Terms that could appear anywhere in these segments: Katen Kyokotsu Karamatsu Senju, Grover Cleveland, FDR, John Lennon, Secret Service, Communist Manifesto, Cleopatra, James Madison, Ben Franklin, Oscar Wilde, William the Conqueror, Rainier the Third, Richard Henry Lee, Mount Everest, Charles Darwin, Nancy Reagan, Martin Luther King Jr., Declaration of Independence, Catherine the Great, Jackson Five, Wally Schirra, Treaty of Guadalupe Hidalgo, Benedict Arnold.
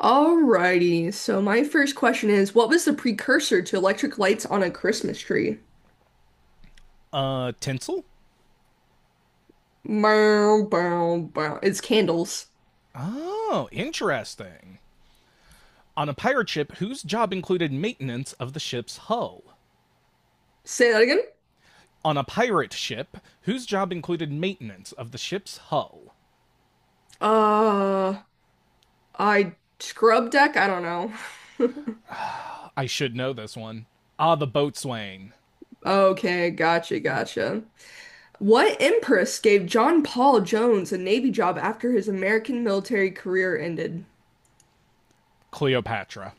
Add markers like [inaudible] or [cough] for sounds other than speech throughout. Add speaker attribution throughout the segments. Speaker 1: Alrighty, so my first question is, what was the precursor to electric lights on a Christmas tree?
Speaker 2: Tinsel?
Speaker 1: Bow, bow, bow. It's candles.
Speaker 2: Oh, interesting. On a pirate ship whose job included maintenance of the ship's hull.
Speaker 1: Say that again?
Speaker 2: On a pirate ship whose job included maintenance of the ship's hull.
Speaker 1: Uh, I scrub deck? I don't know. [laughs]
Speaker 2: I should know this one. Ah, the boatswain.
Speaker 1: Okay, gotcha, gotcha. What empress gave John Paul Jones a Navy job after his American military career ended?
Speaker 2: Cleopatra.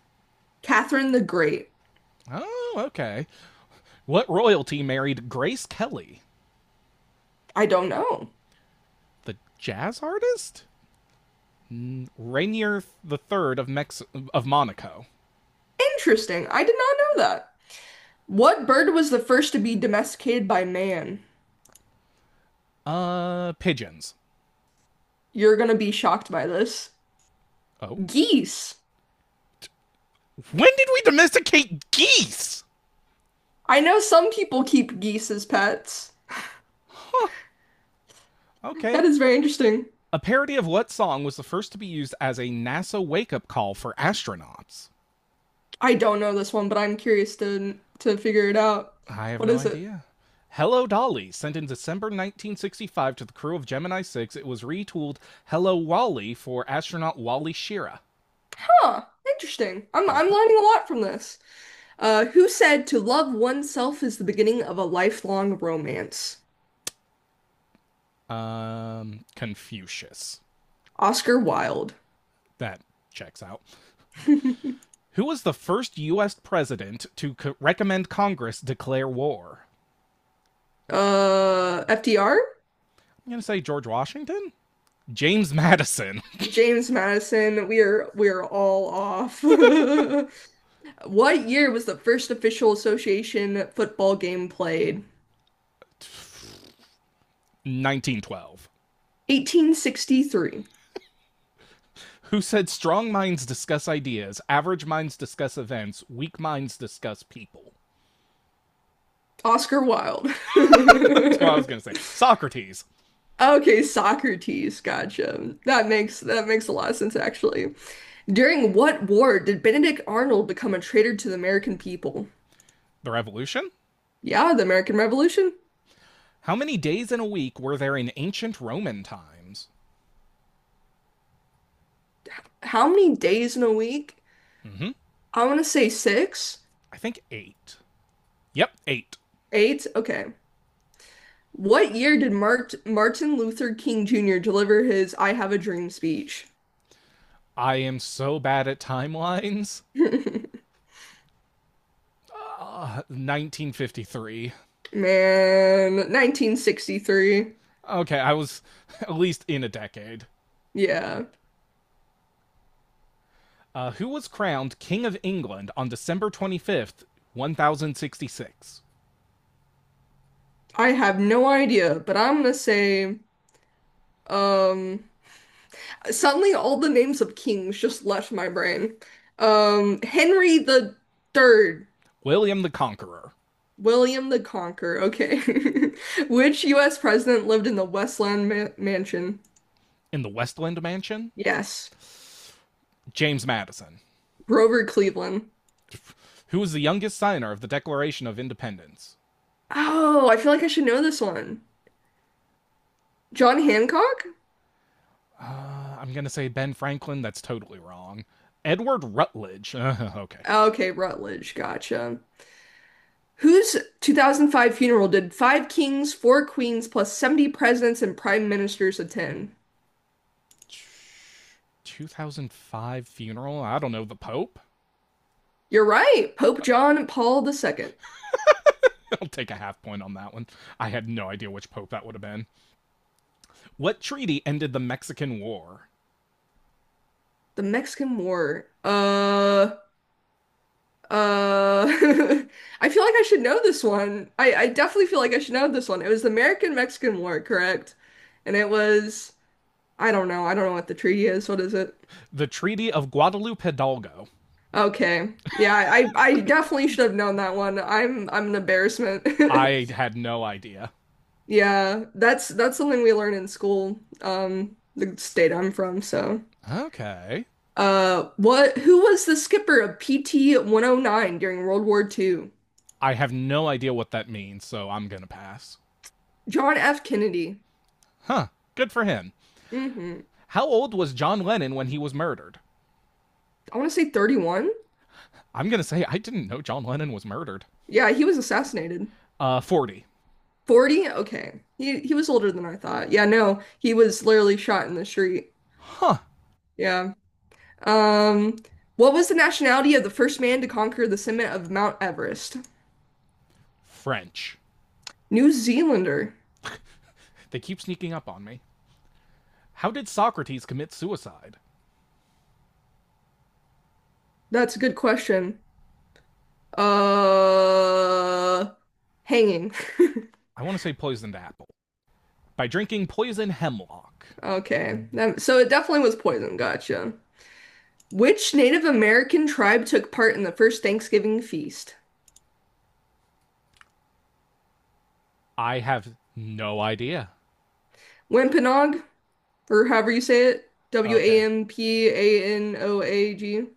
Speaker 1: Catherine the Great.
Speaker 2: Oh, okay. What royalty married Grace Kelly?
Speaker 1: I don't know.
Speaker 2: The jazz artist? Rainier the Third of Monaco.
Speaker 1: Interesting. I did not know that. What bird was the first to be domesticated by man?
Speaker 2: Pigeons.
Speaker 1: You're gonna be shocked by this.
Speaker 2: Oh,
Speaker 1: Geese.
Speaker 2: when did we domesticate geese?
Speaker 1: I know some people keep geese as pets.
Speaker 2: Okay.
Speaker 1: That is very interesting.
Speaker 2: A parody of what song was the first to be used as a NASA wake up call for astronauts?
Speaker 1: I don't know this one, but I'm curious to figure it out.
Speaker 2: I have
Speaker 1: What
Speaker 2: no
Speaker 1: is it?
Speaker 2: idea. Hello Dolly, sent in December 1965 to the crew of Gemini 6, it was retooled Hello Wally for astronaut Wally Schirra.
Speaker 1: Huh, interesting. I'm
Speaker 2: Okay.
Speaker 1: learning a lot from this. Who said to love oneself is the beginning of a lifelong romance?
Speaker 2: Confucius.
Speaker 1: Oscar Wilde.
Speaker 2: That checks out.
Speaker 1: [laughs]
Speaker 2: Who was the first U.S. president to recommend Congress declare war?
Speaker 1: FDR?
Speaker 2: I'm going to say George Washington? James Madison. [laughs]
Speaker 1: James Madison. We are all off. [laughs] What year was the first official association football game played?
Speaker 2: 1912.
Speaker 1: 1863.
Speaker 2: Who said strong minds discuss ideas, average minds discuss events, weak minds discuss people.
Speaker 1: Oscar Wilde.
Speaker 2: [laughs] That's what I was going
Speaker 1: [laughs]
Speaker 2: to say. Socrates.
Speaker 1: Okay, Socrates, gotcha. That makes a lot of sense actually. During what war did Benedict Arnold become a traitor to the American people?
Speaker 2: The revolution?
Speaker 1: Yeah, the American Revolution.
Speaker 2: How many days in a week were there in ancient Roman times?
Speaker 1: How many days in a week?
Speaker 2: Hmm.
Speaker 1: I want to say six,
Speaker 2: I think eight. Yep, eight.
Speaker 1: eight. Okay. What year did Martin Luther King Jr. deliver his I Have a Dream speech?
Speaker 2: I am so bad at timelines.
Speaker 1: [laughs]
Speaker 2: [laughs] 1953.
Speaker 1: Man, 1963.
Speaker 2: Okay, I was, [laughs] at least in a decade.
Speaker 1: Yeah.
Speaker 2: Who was crowned King of England on December 25th, 1066?
Speaker 1: I have no idea, but I'm gonna say, um, suddenly all the names of kings just left my brain. Henry the Third,
Speaker 2: William the Conqueror.
Speaker 1: William the Conqueror. Okay. [laughs] Which US president lived in the Westland ma Mansion?
Speaker 2: In the Westland Mansion?
Speaker 1: Yes.
Speaker 2: James Madison.
Speaker 1: Grover Cleveland.
Speaker 2: Who was the youngest signer of the Declaration of Independence?
Speaker 1: Oh, I feel like I should know this one. John Hancock?
Speaker 2: I'm going to say Ben Franklin. That's totally wrong. Edward Rutledge. [laughs] Okay.
Speaker 1: Okay, Rutledge. Gotcha. Whose 2005 funeral did five kings, four queens, plus 70 presidents and prime ministers attend?
Speaker 2: 2005 funeral. I don't know. The Pope?
Speaker 1: You're right, Pope John Paul II.
Speaker 2: [laughs] I'll take a half point on that one. I had no idea which pope that would have been. What treaty ended the Mexican War?
Speaker 1: The Mexican War. Uh, [laughs] I feel like I should know this one. I definitely feel like I should know this one. It was the American-Mexican War, correct? And it was, I don't know what the treaty is. What is it?
Speaker 2: The Treaty of Guadalupe Hidalgo.
Speaker 1: Okay. Yeah, I definitely should have known that one. I'm an embarrassment.
Speaker 2: I
Speaker 1: [laughs]
Speaker 2: had no idea.
Speaker 1: Yeah, that's something we learn in school, the state I'm from, so.
Speaker 2: Okay.
Speaker 1: What Who was the skipper of PT 109 during World War II?
Speaker 2: I have no idea what that means, so I'm going to pass.
Speaker 1: John F. Kennedy.
Speaker 2: Huh. Good for him.
Speaker 1: hmm
Speaker 2: How old was John Lennon when he was murdered?
Speaker 1: I want to say 31.
Speaker 2: I'm gonna say I didn't know John Lennon was murdered.
Speaker 1: Yeah, he was assassinated.
Speaker 2: 40.
Speaker 1: 40? Okay. He was older than I thought. Yeah, no, he was literally shot in the street.
Speaker 2: Huh.
Speaker 1: Yeah. Um, what was the nationality of the first man to conquer the summit of Mount Everest?
Speaker 2: French.
Speaker 1: New Zealander.
Speaker 2: They keep sneaking up on me. How did Socrates commit suicide?
Speaker 1: That's a good question. Uh, Hanging. [laughs]
Speaker 2: I want to say poisoned apple. By drinking poison hemlock.
Speaker 1: Okay. That, so it definitely was poison. Gotcha. Which Native American tribe took part in the first Thanksgiving feast?
Speaker 2: I have no idea.
Speaker 1: Wampanoag, or however you say it.
Speaker 2: Okay.
Speaker 1: Wampanoag.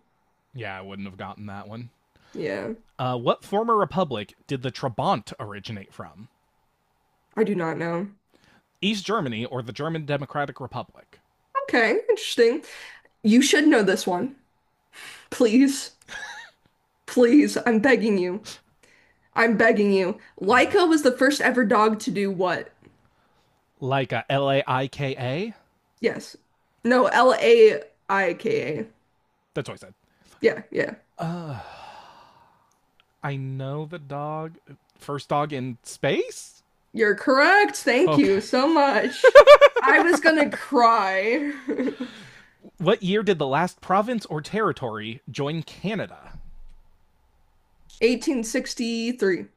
Speaker 2: Yeah, I wouldn't have gotten that one.
Speaker 1: Yeah,
Speaker 2: What former republic did the Trabant originate from?
Speaker 1: I do not know.
Speaker 2: East Germany or the German Democratic Republic?
Speaker 1: Okay, interesting. You should know this one. Please, please, I'm begging you. I'm begging you.
Speaker 2: Oh no.
Speaker 1: Laika was the first ever dog to do what?
Speaker 2: Like a Laika?
Speaker 1: Yes. No, Laika.
Speaker 2: That's what I said.
Speaker 1: Yeah, yeah.
Speaker 2: Uh, I know the dog. First dog in space?
Speaker 1: You're correct. Thank
Speaker 2: Okay.
Speaker 1: you so much. I was gonna cry. [laughs]
Speaker 2: What year did the last province or territory join Canada?
Speaker 1: 1863.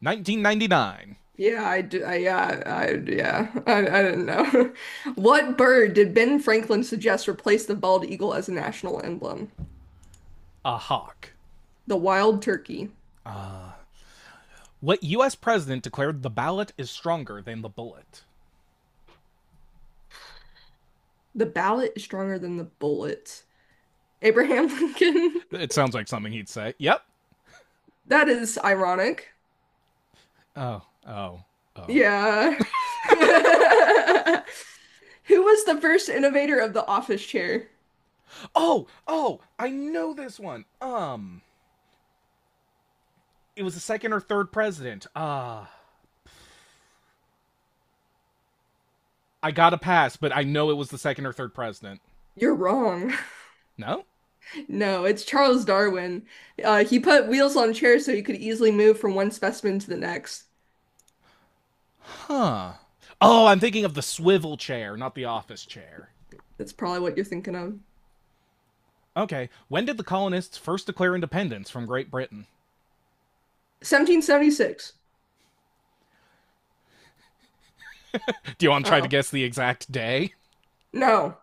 Speaker 2: 1999.
Speaker 1: Yeah, I do. I, yeah, I, yeah. [laughs] I don't know. [laughs] What bird did Ben Franklin suggest replace the bald eagle as a national emblem?
Speaker 2: A hawk.
Speaker 1: The wild turkey.
Speaker 2: What U.S. president declared the ballot is stronger than the bullet?
Speaker 1: The ballot is stronger than the bullet. Abraham [laughs] Lincoln.
Speaker 2: It sounds like something he'd say. Yep.
Speaker 1: That is ironic.
Speaker 2: Oh, oh, oh.
Speaker 1: Yeah. [laughs] Who was the first innovator of the office chair?
Speaker 2: Oh, oh, I know this one. It was the second or third president. I got a pass, but I know it was the second or third president.
Speaker 1: You're wrong.
Speaker 2: No?
Speaker 1: No, it's Charles Darwin. He put wheels on chairs so he could easily move from one specimen to the next.
Speaker 2: Huh. Oh, I'm thinking of the swivel chair, not the office chair.
Speaker 1: That's probably what you're thinking of.
Speaker 2: Okay, when did the colonists first declare independence from Great Britain?
Speaker 1: 1776.
Speaker 2: Do you want to try to
Speaker 1: Uh-oh.
Speaker 2: guess the exact day?
Speaker 1: No.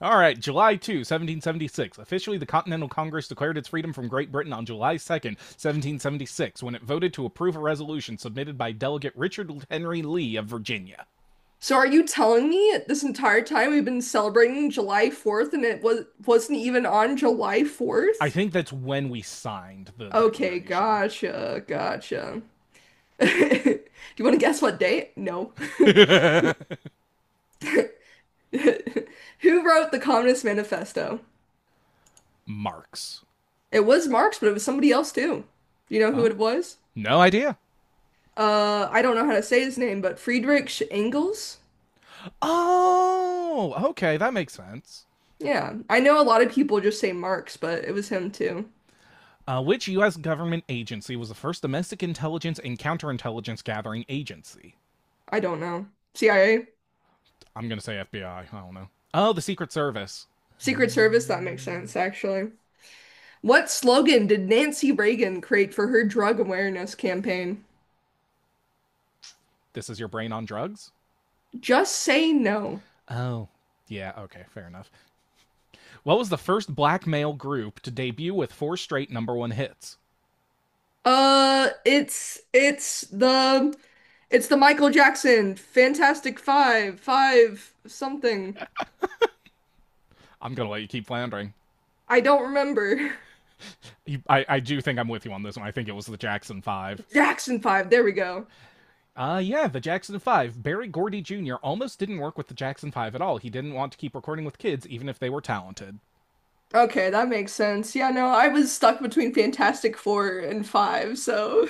Speaker 2: All right, July 2, 1776. Officially, the Continental Congress declared its freedom from Great Britain on July 2nd, seventeen 1776, when it voted to approve a resolution submitted by Delegate Richard Henry Lee of Virginia.
Speaker 1: So are you telling me this entire time we've been celebrating July 4th and it wasn't even on July
Speaker 2: I
Speaker 1: 4th?
Speaker 2: think that's when we signed the
Speaker 1: Okay,
Speaker 2: declaration.
Speaker 1: gotcha, gotcha. [laughs] Do you want to guess what date? No. [laughs]
Speaker 2: [laughs]
Speaker 1: Who wrote the Communist Manifesto?
Speaker 2: Marks.
Speaker 1: It was Marx, but it was somebody else too. Do you know who
Speaker 2: Huh?
Speaker 1: it was?
Speaker 2: No idea.
Speaker 1: I don't know how to say his name, but Friedrich Engels?
Speaker 2: Oh, okay, that makes sense.
Speaker 1: Yeah. I know a lot of people just say Marx, but it was him too.
Speaker 2: Which U.S. government agency was the first domestic intelligence and counterintelligence gathering agency?
Speaker 1: I don't know. CIA?
Speaker 2: I'm gonna say FBI. I don't know. Oh, the Secret Service.
Speaker 1: Secret Service? That makes sense, actually. What slogan did Nancy Reagan create for her drug awareness campaign?
Speaker 2: This is your brain on drugs?
Speaker 1: Just say no.
Speaker 2: Oh, yeah, okay, fair enough. What was the first black male group to debut with four straight number one hits?
Speaker 1: Uh, it's it's the it's the Michael Jackson Fantastic Five, five something.
Speaker 2: I'm gonna let you keep floundering.
Speaker 1: I don't remember.
Speaker 2: I do think I'm with you on this one. I think it was the Jackson Five.
Speaker 1: [laughs] Jackson Five, there we go.
Speaker 2: Yeah, the Jackson 5. Barry Gordy Jr. almost didn't work with the Jackson 5 at all. He didn't want to keep recording with kids, even if they were talented.
Speaker 1: Okay, that makes sense. Yeah, no, I was stuck between Fantastic Four and Five, so